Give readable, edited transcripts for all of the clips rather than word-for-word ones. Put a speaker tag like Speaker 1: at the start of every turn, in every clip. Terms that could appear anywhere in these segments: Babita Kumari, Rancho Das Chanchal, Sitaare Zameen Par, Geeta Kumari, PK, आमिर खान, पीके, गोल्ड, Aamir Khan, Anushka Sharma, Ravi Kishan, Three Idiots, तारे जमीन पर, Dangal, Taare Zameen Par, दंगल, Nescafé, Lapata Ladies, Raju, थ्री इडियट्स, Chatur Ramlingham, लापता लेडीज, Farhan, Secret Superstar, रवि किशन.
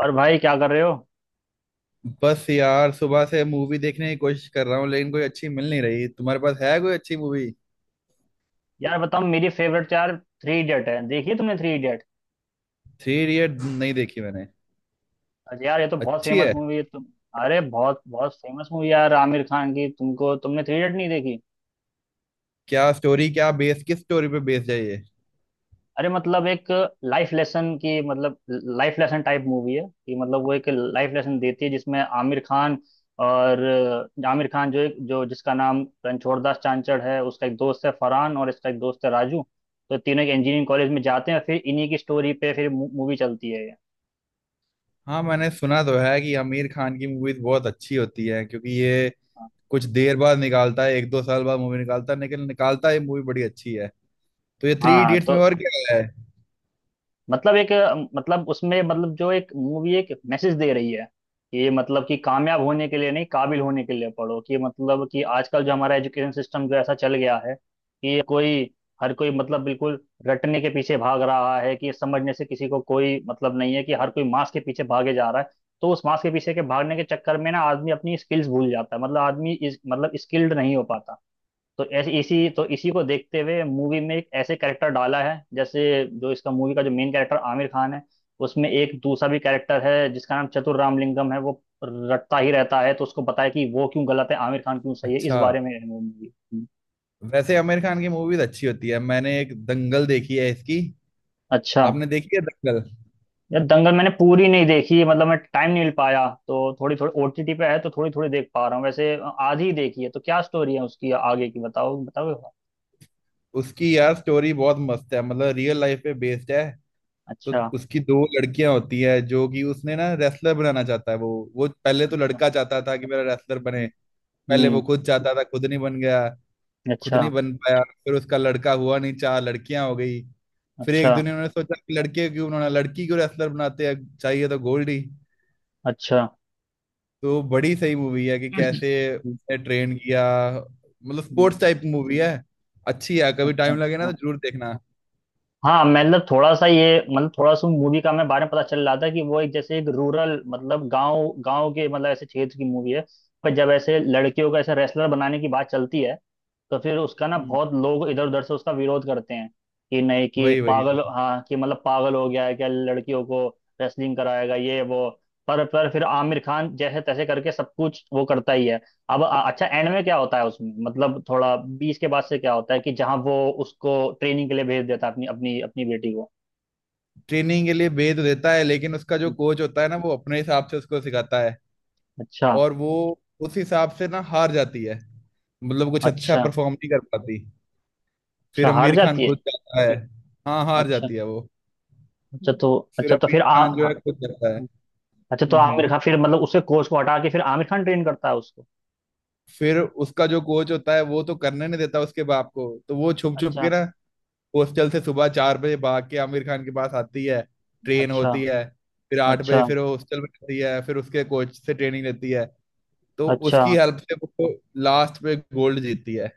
Speaker 1: और भाई, क्या कर रहे हो?
Speaker 2: बस यार सुबह से मूवी देखने की कोशिश कर रहा हूँ, लेकिन कोई अच्छी मिल नहीं रही। तुम्हारे पास है कोई अच्छी मूवी?
Speaker 1: यार बताओ, मेरी फेवरेट यार थ्री इडियट है। देखिए, तुमने थ्री इडियट...
Speaker 2: थ्री इडियट नहीं देखी मैंने।
Speaker 1: अरे यार, ये तो बहुत
Speaker 2: अच्छी
Speaker 1: फेमस
Speaker 2: है?
Speaker 1: मूवी है तुम... अरे बहुत बहुत फेमस मूवी यार, आमिर खान की। तुमको तुमने थ्री इडियट नहीं देखी?
Speaker 2: क्या स्टोरी, क्या बेस, किस स्टोरी पे बेस्ड है ये?
Speaker 1: अरे मतलब, एक लाइफ लेसन की, मतलब लाइफ लेसन टाइप मूवी है कि, मतलब वो एक लाइफ लेसन देती है जिसमें आमिर खान और आमिर खान जो जिसका नाम रणछोड़ दास चांचड़ है, उसका एक दोस्त है फरहान और इसका एक दोस्त है राजू। तो तीनों एक इंजीनियरिंग कॉलेज में जाते हैं, फिर इन्हीं की स्टोरी पे फिर मूवी चलती है ये।
Speaker 2: हाँ, मैंने सुना तो है कि आमिर खान की मूवीज बहुत अच्छी होती है, क्योंकि ये
Speaker 1: हाँ।
Speaker 2: कुछ देर बाद निकालता है, एक दो साल बाद मूवी निकालता है, लेकिन निकालता है, ये मूवी बड़ी अच्छी है। तो ये थ्री
Speaker 1: हाँ,
Speaker 2: इडियट्स में
Speaker 1: तो
Speaker 2: और क्या है?
Speaker 1: मतलब एक, मतलब उसमें मतलब जो एक मूवी एक मैसेज दे रही है कि, मतलब कि कामयाब होने के लिए नहीं, काबिल होने के लिए पढ़ो। कि मतलब कि आजकल जो हमारा एजुकेशन सिस्टम जो ऐसा चल गया है कि कोई, हर कोई मतलब बिल्कुल रटने के पीछे भाग रहा है। कि समझने से किसी को कोई मतलब नहीं है, कि हर कोई मास के पीछे भागे जा रहा है। तो उस मास के पीछे के भागने के चक्कर में ना आदमी अपनी स्किल्स भूल जाता है, मतलब आदमी इस मतलब स्किल्ड नहीं हो पाता। तो ऐसे इसी को देखते हुए मूवी में एक ऐसे कैरेक्टर डाला है जैसे, जो इसका मूवी का जो मेन कैरेक्टर आमिर खान है, उसमें एक दूसरा भी कैरेक्टर है जिसका नाम चतुर रामलिंगम है। वो रटता ही रहता है, तो उसको बताया कि वो क्यों गलत है, आमिर खान क्यों सही है, इस
Speaker 2: अच्छा।
Speaker 1: बारे में है वो मूवी।
Speaker 2: वैसे आमिर खान की मूवीज अच्छी होती है, मैंने एक दंगल देखी है इसकी।
Speaker 1: अच्छा।
Speaker 2: आपने देखी है दंगल?
Speaker 1: यार दंगल मैंने पूरी नहीं देखी, मतलब मैं टाइम नहीं मिल पाया, तो थोड़ी थोड़ी ओटीटी पे है तो थोड़ी थोड़ी देख पा रहा हूँ वैसे। आधी ही देखी है, तो क्या स्टोरी है उसकी आगे की? बताओ बताओ।
Speaker 2: उसकी यार स्टोरी बहुत मस्त है, मतलब रियल लाइफ पे बेस्ड है। तो
Speaker 1: अच्छा।
Speaker 2: उसकी दो लड़कियां होती है, जो कि उसने ना रेसलर बनाना चाहता है वो। वो पहले तो
Speaker 1: अच्छा।
Speaker 2: लड़का चाहता था कि मेरा रेसलर
Speaker 1: हम्म।
Speaker 2: बने। पहले वो
Speaker 1: हम्म,
Speaker 2: खुद चाहता था, खुद नहीं बन गया। खुद
Speaker 1: अच्छा।
Speaker 2: नहीं बन पाया, फिर उसका लड़का हुआ नहीं, चार लड़कियां हो गई। फिर
Speaker 1: अच्छा।
Speaker 2: एक दिन उन्होंने सोचा कि लड़के क्यों, उन्होंने लड़की क्यों रेसलर बनाते हैं, चाहिए तो गोल्ड ही।
Speaker 1: अच्छा।
Speaker 2: तो बड़ी सही मूवी है कि
Speaker 1: हम्म।
Speaker 2: कैसे ट्रेन किया। मतलब स्पोर्ट्स टाइप मूवी है। अच्छी है, कभी
Speaker 1: अच्छा।
Speaker 2: टाइम लगे ना
Speaker 1: हाँ।
Speaker 2: तो जरूर देखना।
Speaker 1: हाँ, मतलब थोड़ा सा ये, मतलब थोड़ा सा मूवी का हमें बारे में पता चल रहा था कि वो एक जैसे एक रूरल, मतलब गांव गांव के, मतलब ऐसे क्षेत्र की मूवी है। पर जब ऐसे लड़कियों को ऐसे रेसलर बनाने की बात चलती है, तो फिर उसका ना
Speaker 2: हम्म।
Speaker 1: बहुत लोग इधर उधर से उसका विरोध करते हैं कि नहीं, कि
Speaker 2: वही वही
Speaker 1: पागल,
Speaker 2: वही।
Speaker 1: हाँ, कि मतलब पागल हो गया है क्या, लड़कियों को रेसलिंग कराएगा ये वो। पर फिर आमिर खान जैसे तैसे करके सब कुछ वो करता ही है। अब अच्छा, एंड में क्या होता है उसमें, मतलब थोड़ा 20 के बाद से क्या होता है, कि जहाँ वो उसको ट्रेनिंग के लिए भेज देता है अपनी अपनी अपनी बेटी को।
Speaker 2: ट्रेनिंग के लिए भेज तो देता है, लेकिन उसका जो कोच होता है ना वो अपने हिसाब से उसको सिखाता है।
Speaker 1: अच्छा।
Speaker 2: और वो उस हिसाब से ना हार जाती है। मतलब कुछ अच्छा
Speaker 1: अच्छा।
Speaker 2: परफॉर्म नहीं कर पाती। फिर
Speaker 1: अच्छा हार
Speaker 2: आमिर खान
Speaker 1: जाती है?
Speaker 2: खुद जाता है। हाँ, हार
Speaker 1: अच्छा।
Speaker 2: जाती है वो।
Speaker 1: अच्छा तो,
Speaker 2: फिर
Speaker 1: अच्छा तो
Speaker 2: आमिर
Speaker 1: फिर आ...
Speaker 2: खान जो है
Speaker 1: हाँ,
Speaker 2: खुद जाता है।
Speaker 1: अच्छा तो
Speaker 2: हम्म हम्म।
Speaker 1: आमिर खान फिर मतलब उसके कोच को हटा के फिर आमिर खान ट्रेन करता है उसको।
Speaker 2: फिर उसका जो कोच होता है वो तो करने नहीं देता उसके बाप को, तो वो छुप छुप
Speaker 1: अच्छा।
Speaker 2: के ना हॉस्टल से सुबह 4 बजे भाग के आमिर खान के पास आती है, ट्रेन
Speaker 1: अच्छा।
Speaker 2: होती है। फिर 8 बजे
Speaker 1: अच्छा।
Speaker 2: फिर वो हॉस्टल में रहती है, फिर उसके कोच से ट्रेनिंग लेती है। तो
Speaker 1: अच्छा।
Speaker 2: उसकी हेल्प से वो लास्ट पे गोल्ड जीतती है।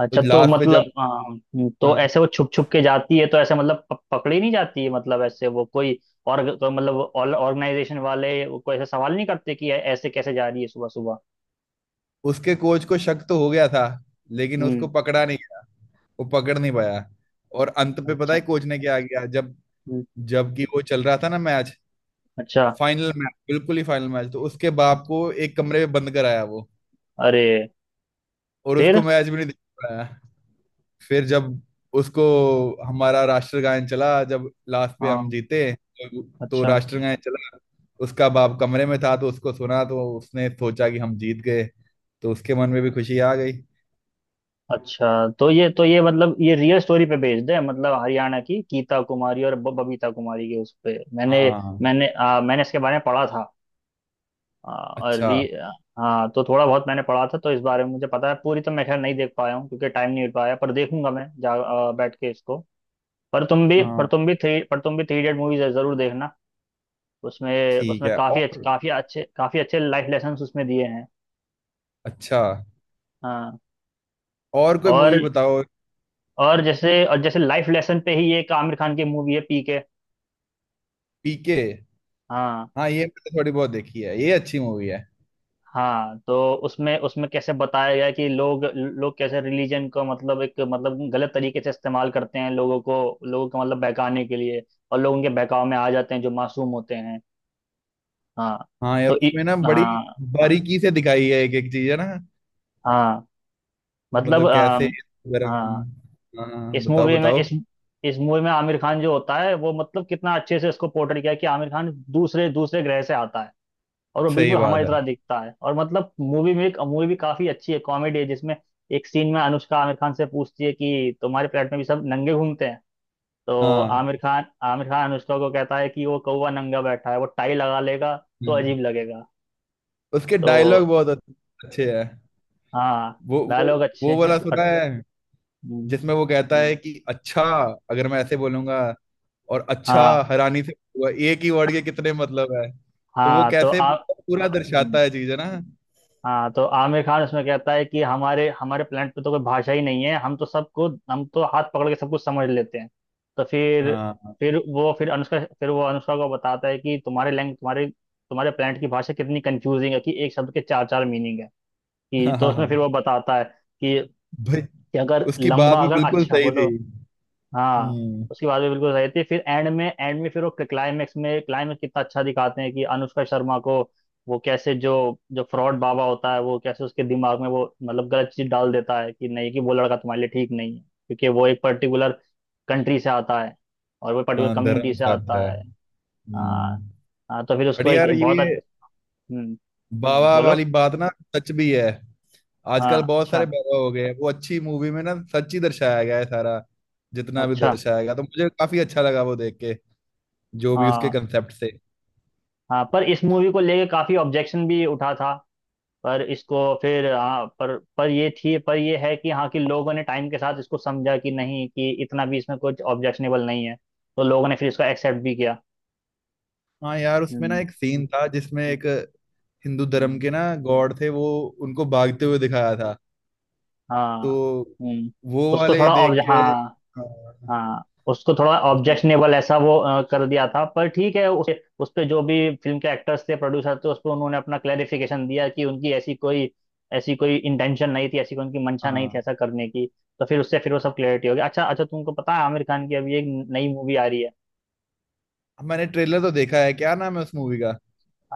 Speaker 1: अच्छा
Speaker 2: तो
Speaker 1: तो
Speaker 2: लास्ट पे
Speaker 1: मतलब,
Speaker 2: जब,
Speaker 1: हाँ, तो
Speaker 2: हाँ,
Speaker 1: ऐसे वो छुप छुप के जाती है तो ऐसे मतलब पकड़ी नहीं जाती है मतलब, ऐसे वो कोई... और तो मतलब ऑर्गेनाइजेशन वाले वो कोई ऐसा सवाल नहीं करते कि ऐसे कैसे जा रही है सुबह सुबह?
Speaker 2: उसके कोच को शक तो हो गया था, लेकिन
Speaker 1: हम्म।
Speaker 2: उसको पकड़ा नहीं गया। वो पकड़ नहीं पाया। और अंत पे पता है
Speaker 1: अच्छा।
Speaker 2: कोच ने क्या किया, जब
Speaker 1: हम्म।
Speaker 2: जबकि वो चल रहा था ना मैच,
Speaker 1: अच्छा।
Speaker 2: फाइनल मैच, बिल्कुल ही फाइनल मैच, तो उसके बाप को एक कमरे में बंद कराया वो,
Speaker 1: अरे।
Speaker 2: और
Speaker 1: फिर...
Speaker 2: उसको मैच भी नहीं देख पाया। फिर जब उसको हमारा राष्ट्रगान चला, जब लास्ट पे हम
Speaker 1: हाँ।
Speaker 2: जीते, तो
Speaker 1: अच्छा।
Speaker 2: राष्ट्रगान चला। उसका बाप कमरे में था, तो उसको सुना, तो उसने सोचा कि हम जीत गए, तो उसके मन में भी खुशी आ गई।
Speaker 1: अच्छा तो ये, तो ये मतलब ये रियल स्टोरी पे बेस्ड है, मतलब हरियाणा की गीता कुमारी और बबीता कुमारी के उस पे मैंने,
Speaker 2: हाँ।
Speaker 1: मैंने मैंने इसके बारे में पढ़ा था। हाँ, और
Speaker 2: अच्छा।
Speaker 1: री... हाँ, तो थोड़ा बहुत मैंने पढ़ा था, तो इस बारे में मुझे पता है। पूरी तो मैं खैर नहीं देख पाया हूँ क्योंकि टाइम नहीं मिल पाया, पर देखूंगा मैं जा बैठ के इसको। पर
Speaker 2: हाँ।
Speaker 1: तुम भी थ्री पर तुम भी थ्री इडियट मूवीज जरूर देखना। उसमें,
Speaker 2: ठीक
Speaker 1: उसमें
Speaker 2: है।
Speaker 1: काफी अच्छे,
Speaker 2: और
Speaker 1: काफी अच्छे, काफी अच्छे लाइफ लेसन उसमें दिए हैं।
Speaker 2: अच्छा,
Speaker 1: हाँ।
Speaker 2: और कोई
Speaker 1: और
Speaker 2: मूवी बताओ?
Speaker 1: और जैसे, और जैसे लाइफ लेसन पे ही एक आमिर खान की मूवी है पीके।
Speaker 2: पीके।
Speaker 1: हाँ।
Speaker 2: हाँ, ये मैंने थोड़ी बहुत देखी है, ये अच्छी मूवी है।
Speaker 1: हाँ, तो उसमें, उसमें कैसे बताया गया कि लोग, लोग कैसे रिलीजन को मतलब एक मतलब गलत तरीके से इस्तेमाल करते हैं। लोगों को, लोगों को मतलब बहकाने के लिए, और लोग उनके बहकाव में आ जाते हैं जो मासूम होते हैं। हाँ।
Speaker 2: हाँ यार,
Speaker 1: तो इ,
Speaker 2: उसमें ना बड़ी
Speaker 1: हाँ।
Speaker 2: बारीकी से दिखाई है एक एक चीज, है ना।
Speaker 1: हाँ मतलब
Speaker 2: मतलब कैसे गरम।
Speaker 1: हाँ,
Speaker 2: हाँ,
Speaker 1: इस
Speaker 2: बताओ
Speaker 1: मूवी में
Speaker 2: बताओ।
Speaker 1: इस मूवी में आमिर खान जो होता है वो मतलब कितना अच्छे से इसको पोर्ट्रेट किया है कि आमिर खान दूसरे दूसरे ग्रह से आता है और वो
Speaker 2: सही
Speaker 1: बिल्कुल
Speaker 2: बात
Speaker 1: हमारी
Speaker 2: है।
Speaker 1: तरह दिखता है। और मतलब मूवी में एक मूवी भी काफी अच्छी है, कॉमेडी है, जिसमें एक सीन में अनुष्का आमिर खान से पूछती है कि तुम्हारे प्लेट में भी सब नंगे घूमते हैं? तो
Speaker 2: हाँ।
Speaker 1: आमिर खान अनुष्का को कहता है कि वो कौवा नंगा बैठा है, वो टाई लगा लेगा तो
Speaker 2: हम्म।
Speaker 1: अजीब लगेगा।
Speaker 2: उसके
Speaker 1: तो
Speaker 2: डायलॉग बहुत अच्छे हैं।
Speaker 1: हाँ,
Speaker 2: वो वो
Speaker 1: डायलॉग अच्छे
Speaker 2: वो
Speaker 1: हैं।
Speaker 2: वाला
Speaker 1: और
Speaker 2: सुना है?
Speaker 1: हम्म,
Speaker 2: जिसमें वो कहता है कि अच्छा, अगर मैं ऐसे बोलूंगा, और अच्छा,
Speaker 1: हाँ।
Speaker 2: हैरानी से, हुआ, एक ही वर्ड के कितने मतलब है। तो वो
Speaker 1: हाँ तो
Speaker 2: कैसे
Speaker 1: आप...
Speaker 2: पूरा
Speaker 1: हम्म,
Speaker 2: दर्शाता है चीज, है ना।
Speaker 1: हाँ, तो आमिर खान उसमें कहता है कि हमारे, हमारे प्लेनेट पे तो कोई भाषा ही नहीं है, हम तो सबको, हम तो हाथ पकड़ के सब कुछ समझ लेते हैं। तो फिर
Speaker 2: हाँ
Speaker 1: फिर वो, फिर अनुष्का, फिर वो अनुष्का को बताता है कि तुम्हारे लैंग तुम्हारे, तुम्हारे प्लेनेट की भाषा कितनी कंफ्यूजिंग है कि एक शब्द के चार चार मीनिंग है। कि
Speaker 2: हाँ
Speaker 1: तो
Speaker 2: हाँ
Speaker 1: उसमें फिर
Speaker 2: हाँ
Speaker 1: वो बताता है
Speaker 2: भाई।
Speaker 1: कि अगर
Speaker 2: उसकी बात
Speaker 1: लंबा,
Speaker 2: भी
Speaker 1: अगर
Speaker 2: बिल्कुल
Speaker 1: अच्छा
Speaker 2: सही थी।
Speaker 1: बोलो... हाँ,
Speaker 2: हम्म।
Speaker 1: उसकी बात भी बिल्कुल सही थी। फिर एंड में, एंड में फिर वो क्लाइमेक्स में, क्लाइमेक्स कितना अच्छा दिखाते हैं कि अनुष्का शर्मा को वो कैसे जो, जो फ्रॉड बाबा होता है वो कैसे उसके दिमाग में वो मतलब गलत चीज डाल देता है कि नहीं कि वो लड़का तुम्हारे लिए ठीक नहीं है क्योंकि वो एक पर्टिकुलर कंट्री से आता है और वो पर्टिकुलर
Speaker 2: हाँ,
Speaker 1: कम्युनिटी
Speaker 2: धर्म
Speaker 1: से
Speaker 2: चाहता
Speaker 1: आता
Speaker 2: है।
Speaker 1: है।
Speaker 2: हम्म।
Speaker 1: हाँ। हाँ, तो फिर
Speaker 2: बट
Speaker 1: उसको
Speaker 2: यार
Speaker 1: एक बहुत...
Speaker 2: ये
Speaker 1: अच्छा
Speaker 2: बाबा
Speaker 1: बोलो।
Speaker 2: वाली बात ना सच भी है।
Speaker 1: हाँ।
Speaker 2: आजकल बहुत
Speaker 1: अच्छा।
Speaker 2: सारे बाबा हो गए हैं। वो अच्छी मूवी में ना सच ही दर्शाया गया है सारा, जितना भी
Speaker 1: अच्छा।
Speaker 2: दर्शाया गया, तो मुझे काफी अच्छा लगा वो देख के, जो भी उसके
Speaker 1: हाँ।
Speaker 2: कंसेप्ट से।
Speaker 1: हाँ, पर इस मूवी को लेके काफी ऑब्जेक्शन भी उठा था। पर इसको फिर हाँ, पर ये थी, पर ये है कि हाँ, कि लोगों ने टाइम के साथ इसको समझा कि नहीं, कि इतना भी इसमें कुछ ऑब्जेक्शनेबल नहीं है। तो लोगों ने फिर इसको एक्सेप्ट भी किया।
Speaker 2: हाँ यार, उसमें
Speaker 1: हम्म।
Speaker 2: ना एक
Speaker 1: हम्म,
Speaker 2: सीन था जिसमें एक हिंदू धर्म
Speaker 1: हम्म,
Speaker 2: के ना गॉड थे वो, उनको भागते
Speaker 1: हम्म,
Speaker 2: हुए दिखाया था।
Speaker 1: हाँ।
Speaker 2: तो
Speaker 1: हम्म।
Speaker 2: वो
Speaker 1: उसको
Speaker 2: वाले
Speaker 1: थोड़ा ऑब्ज...
Speaker 2: देख के,
Speaker 1: हाँ।
Speaker 2: हाँ,
Speaker 1: हाँ, उसको थोड़ा
Speaker 2: जन-
Speaker 1: ऑब्जेक्शनेबल ऐसा वो कर दिया था। पर ठीक है, उस पे जो भी फिल्म के एक्टर्स थे, प्रोड्यूसर थे, उस पे उन्होंने अपना क्लेरिफिकेशन दिया कि उनकी ऐसी कोई, ऐसी कोई इंटेंशन नहीं थी, ऐसी कोई उनकी मंशा नहीं थी
Speaker 2: हाँ।
Speaker 1: ऐसा करने की। तो फिर उससे फिर वो सब क्लियरिटी हो गई। अच्छा अच्छा, तुमको पता है आमिर खान की अभी एक नई मूवी आ रही है?
Speaker 2: मैंने ट्रेलर तो देखा है, क्या नाम है उस मूवी का?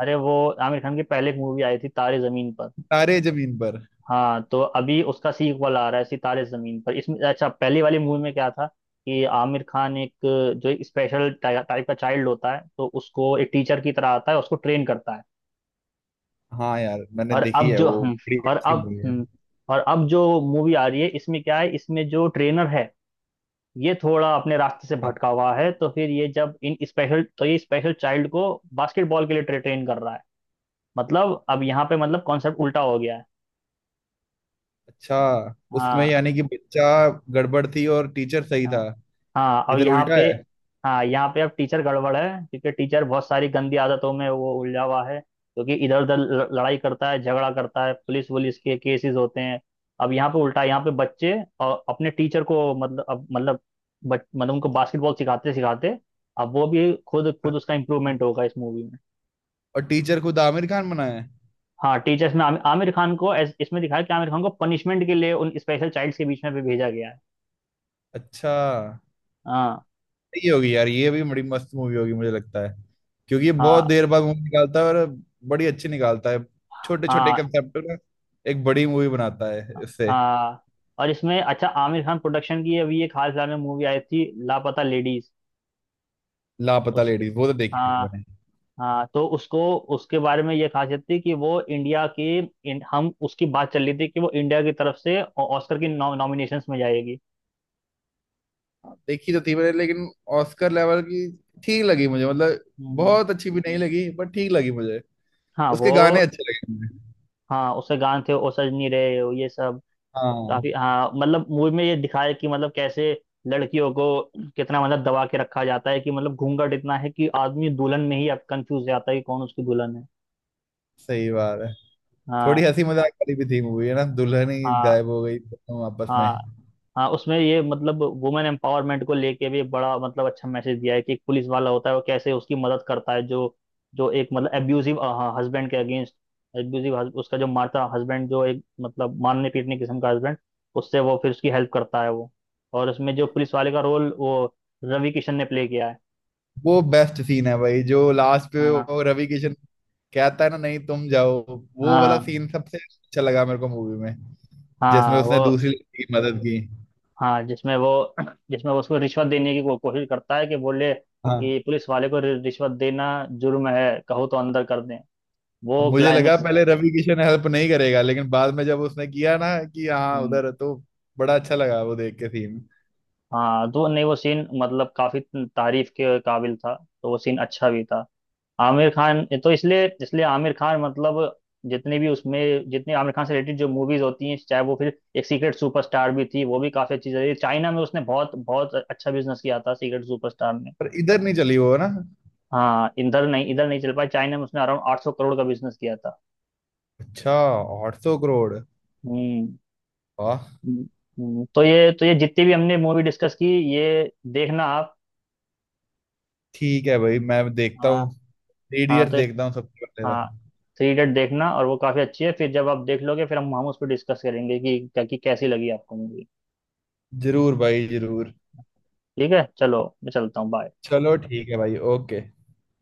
Speaker 1: अरे वो, आमिर खान की पहले एक मूवी आई थी तारे जमीन पर।
Speaker 2: तारे जमीन पर।
Speaker 1: हाँ, तो अभी उसका सीक्वल आ रहा है सितारे जमीन पर। इसमें अच्छा, पहली वाली मूवी में क्या था कि आमिर खान एक जो एक स्पेशल टाइप का चाइल्ड होता है तो उसको एक टीचर की तरह आता है, उसको ट्रेन करता है।
Speaker 2: हाँ यार, मैंने
Speaker 1: और
Speaker 2: देखी
Speaker 1: अब
Speaker 2: है,
Speaker 1: जो
Speaker 2: वो
Speaker 1: हम,
Speaker 2: बड़ी
Speaker 1: और
Speaker 2: अच्छी
Speaker 1: अब
Speaker 2: मूवी है।
Speaker 1: हम्म, और अब जो मूवी आ रही है इसमें क्या है, इसमें जो ट्रेनर है ये थोड़ा अपने रास्ते से भटका हुआ है। तो फिर ये जब इन स्पेशल, तो ये स्पेशल चाइल्ड को बास्केटबॉल के लिए ट्रेन कर रहा है, मतलब अब यहाँ पे मतलब कॉन्सेप्ट उल्टा हो गया है।
Speaker 2: अच्छा, उसमें
Speaker 1: हाँ।
Speaker 2: यानी कि बच्चा गड़बड़ थी और टीचर सही
Speaker 1: हाँ।
Speaker 2: था,
Speaker 1: हाँ अब
Speaker 2: इधर
Speaker 1: यहाँ
Speaker 2: उल्टा
Speaker 1: पे,
Speaker 2: है।
Speaker 1: हाँ यहाँ पे अब टीचर गड़बड़ है क्योंकि टीचर बहुत सारी गंदी आदतों में वो उलझा हुआ है, क्योंकि इधर उधर लड़ाई करता है, झगड़ा करता है, पुलिस वुलिस के केसेस होते हैं। अब यहाँ पे उल्टा है, यहाँ पे बच्चे और अपने टीचर को मतलब अब मतलब मतलब उनको बास्केटबॉल सिखाते सिखाते अब वो भी खुद, खुद उसका इम्प्रूवमेंट होगा इस मूवी में।
Speaker 2: और टीचर खुद आमिर खान बना है?
Speaker 1: हाँ, टीचर्स में आमिर खान को इसमें दिखाया कि आमिर खान को पनिशमेंट के लिए उन स्पेशल चाइल्ड्स के बीच में भी भेजा गया है।
Speaker 2: अच्छा।
Speaker 1: हाँ।
Speaker 2: सही होगी यार, ये भी बड़ी मस्त मूवी होगी मुझे लगता है, क्योंकि ये बहुत
Speaker 1: हाँ।
Speaker 2: देर बाद मूवी निकालता है, और बड़ी अच्छी निकालता है। छोटे छोटे
Speaker 1: हाँ।
Speaker 2: कंसेप्ट ना एक बड़ी मूवी बनाता है इससे।
Speaker 1: हाँ। और इसमें अच्छा, आमिर खान प्रोडक्शन की अभी एक हाल फिलहाल में मूवी आई थी लापता लेडीज।
Speaker 2: लापता
Speaker 1: उस,
Speaker 2: लेडीज, वो तो देखी थी
Speaker 1: हाँ।
Speaker 2: मैंने।
Speaker 1: हाँ, तो उसको, उसके बारे में ये खासियत थी कि वो इंडिया के हम उसकी बात चल रही थी कि वो इंडिया की तरफ से ऑस्कर की नॉमिनेशंस में जाएगी।
Speaker 2: हाँ, देखी तो थी मैंने, लेकिन ऑस्कर लेवल की ठीक लगी मुझे, मतलब
Speaker 1: हम्म,
Speaker 2: बहुत अच्छी भी नहीं लगी, पर ठीक लगी मुझे।
Speaker 1: हाँ
Speaker 2: उसके
Speaker 1: वो,
Speaker 2: गाने अच्छे लगे मुझे।
Speaker 1: हाँ उसके गाने थे ओ सजनी रे, ये सब
Speaker 2: हाँ।
Speaker 1: काफी, हाँ, मतलब मूवी में ये दिखाया कि मतलब कैसे लड़कियों को कितना मतलब दबा के रखा जाता है कि मतलब घूंघट इतना है कि आदमी दुल्हन में ही अब कंफ्यूज जाता है कि कौन उसकी दुल्हन है।
Speaker 2: सही बात है। थोड़ी
Speaker 1: हाँ।
Speaker 2: हंसी मजाक वाली भी थी मूवी, है ना, दुल्हन ही
Speaker 1: हाँ।
Speaker 2: गायब हो गई दोनों आपस में।
Speaker 1: हाँ। हाँ, उसमें ये मतलब वुमेन एम्पावरमेंट को लेके भी बड़ा मतलब अच्छा मैसेज दिया है कि एक पुलिस वाला होता है वो कैसे उसकी मदद करता है, जो, जो एक मतलब एब्यूजिव हस्बैंड के अगेंस्ट, एब्यूजिव उसका जो मारता हस्बैंड, जो एक मतलब मारने पीटने किस्म का हस्बैंड, उससे वो फिर उसकी हेल्प करता है वो। और उसमें जो पुलिस वाले का रोल वो रवि किशन ने प्ले किया है।
Speaker 2: वो बेस्ट सीन है भाई जो लास्ट पे,
Speaker 1: हाँ।
Speaker 2: वो रवि किशन कहता है ना, नहीं तुम जाओ। वो वाला
Speaker 1: हाँ।
Speaker 2: सीन सबसे अच्छा लगा मेरे को मूवी में, जिसमें
Speaker 1: हाँ
Speaker 2: उसने
Speaker 1: वो,
Speaker 2: दूसरी लड़की की मदद की।
Speaker 1: हाँ जिसमें वो, जिसमें वो उसको रिश्वत देने की कोशिश करता है कि बोले
Speaker 2: हाँ।
Speaker 1: कि पुलिस वाले को रिश्वत देना जुर्म है, कहो तो अंदर कर दें।
Speaker 2: अब
Speaker 1: वो
Speaker 2: मुझे लगा
Speaker 1: क्लाइमेक्स...
Speaker 2: पहले रवि किशन हेल्प नहीं करेगा, लेकिन बाद में जब उसने किया ना, कि हाँ
Speaker 1: हम्म।
Speaker 2: उधर है, तो बड़ा अच्छा लगा वो देख के सीन।
Speaker 1: हाँ तो नहीं, वो सीन मतलब काफी तारीफ के काबिल था। तो वो सीन अच्छा भी था। आमिर खान तो, इसलिए इसलिए आमिर खान मतलब, जितने भी उसमें जितने आमिर खान से रिलेटेड जो मूवीज होती हैं, चाहे वो फिर एक सीक्रेट सुपरस्टार भी थी, वो भी काफी अच्छी चली चाइना में, उसने बहुत बहुत अच्छा बिजनेस किया था सीक्रेट सुपरस्टार में।
Speaker 2: पर इधर नहीं चली वो ना।
Speaker 1: हाँ इधर नहीं, इधर नहीं चल पाया। चाइना में उसने अराउंड 800 करोड़ का बिजनेस किया था।
Speaker 2: अच्छा। 800 करोड़?
Speaker 1: हम्म।
Speaker 2: वाह।
Speaker 1: हम्म, तो ये, तो ये जितनी भी हमने मूवी डिस्कस की ये देखना आप।
Speaker 2: ठीक है भाई, मैं देखता
Speaker 1: हाँ।
Speaker 2: हूँ। थ्री
Speaker 1: हाँ तो,
Speaker 2: देखता हूँ सबसे पहले तो।
Speaker 1: हाँ थ्री इडियट देखना, और वो काफी अच्छी है। फिर जब आप देख लोगे फिर हम उस पर डिस्कस करेंगे कि कैसी लगी आपको मूवी।
Speaker 2: जरूर भाई जरूर।
Speaker 1: ठीक है, चलो मैं चलता हूँ, बाय।
Speaker 2: चलो ठीक है भाई, ओके।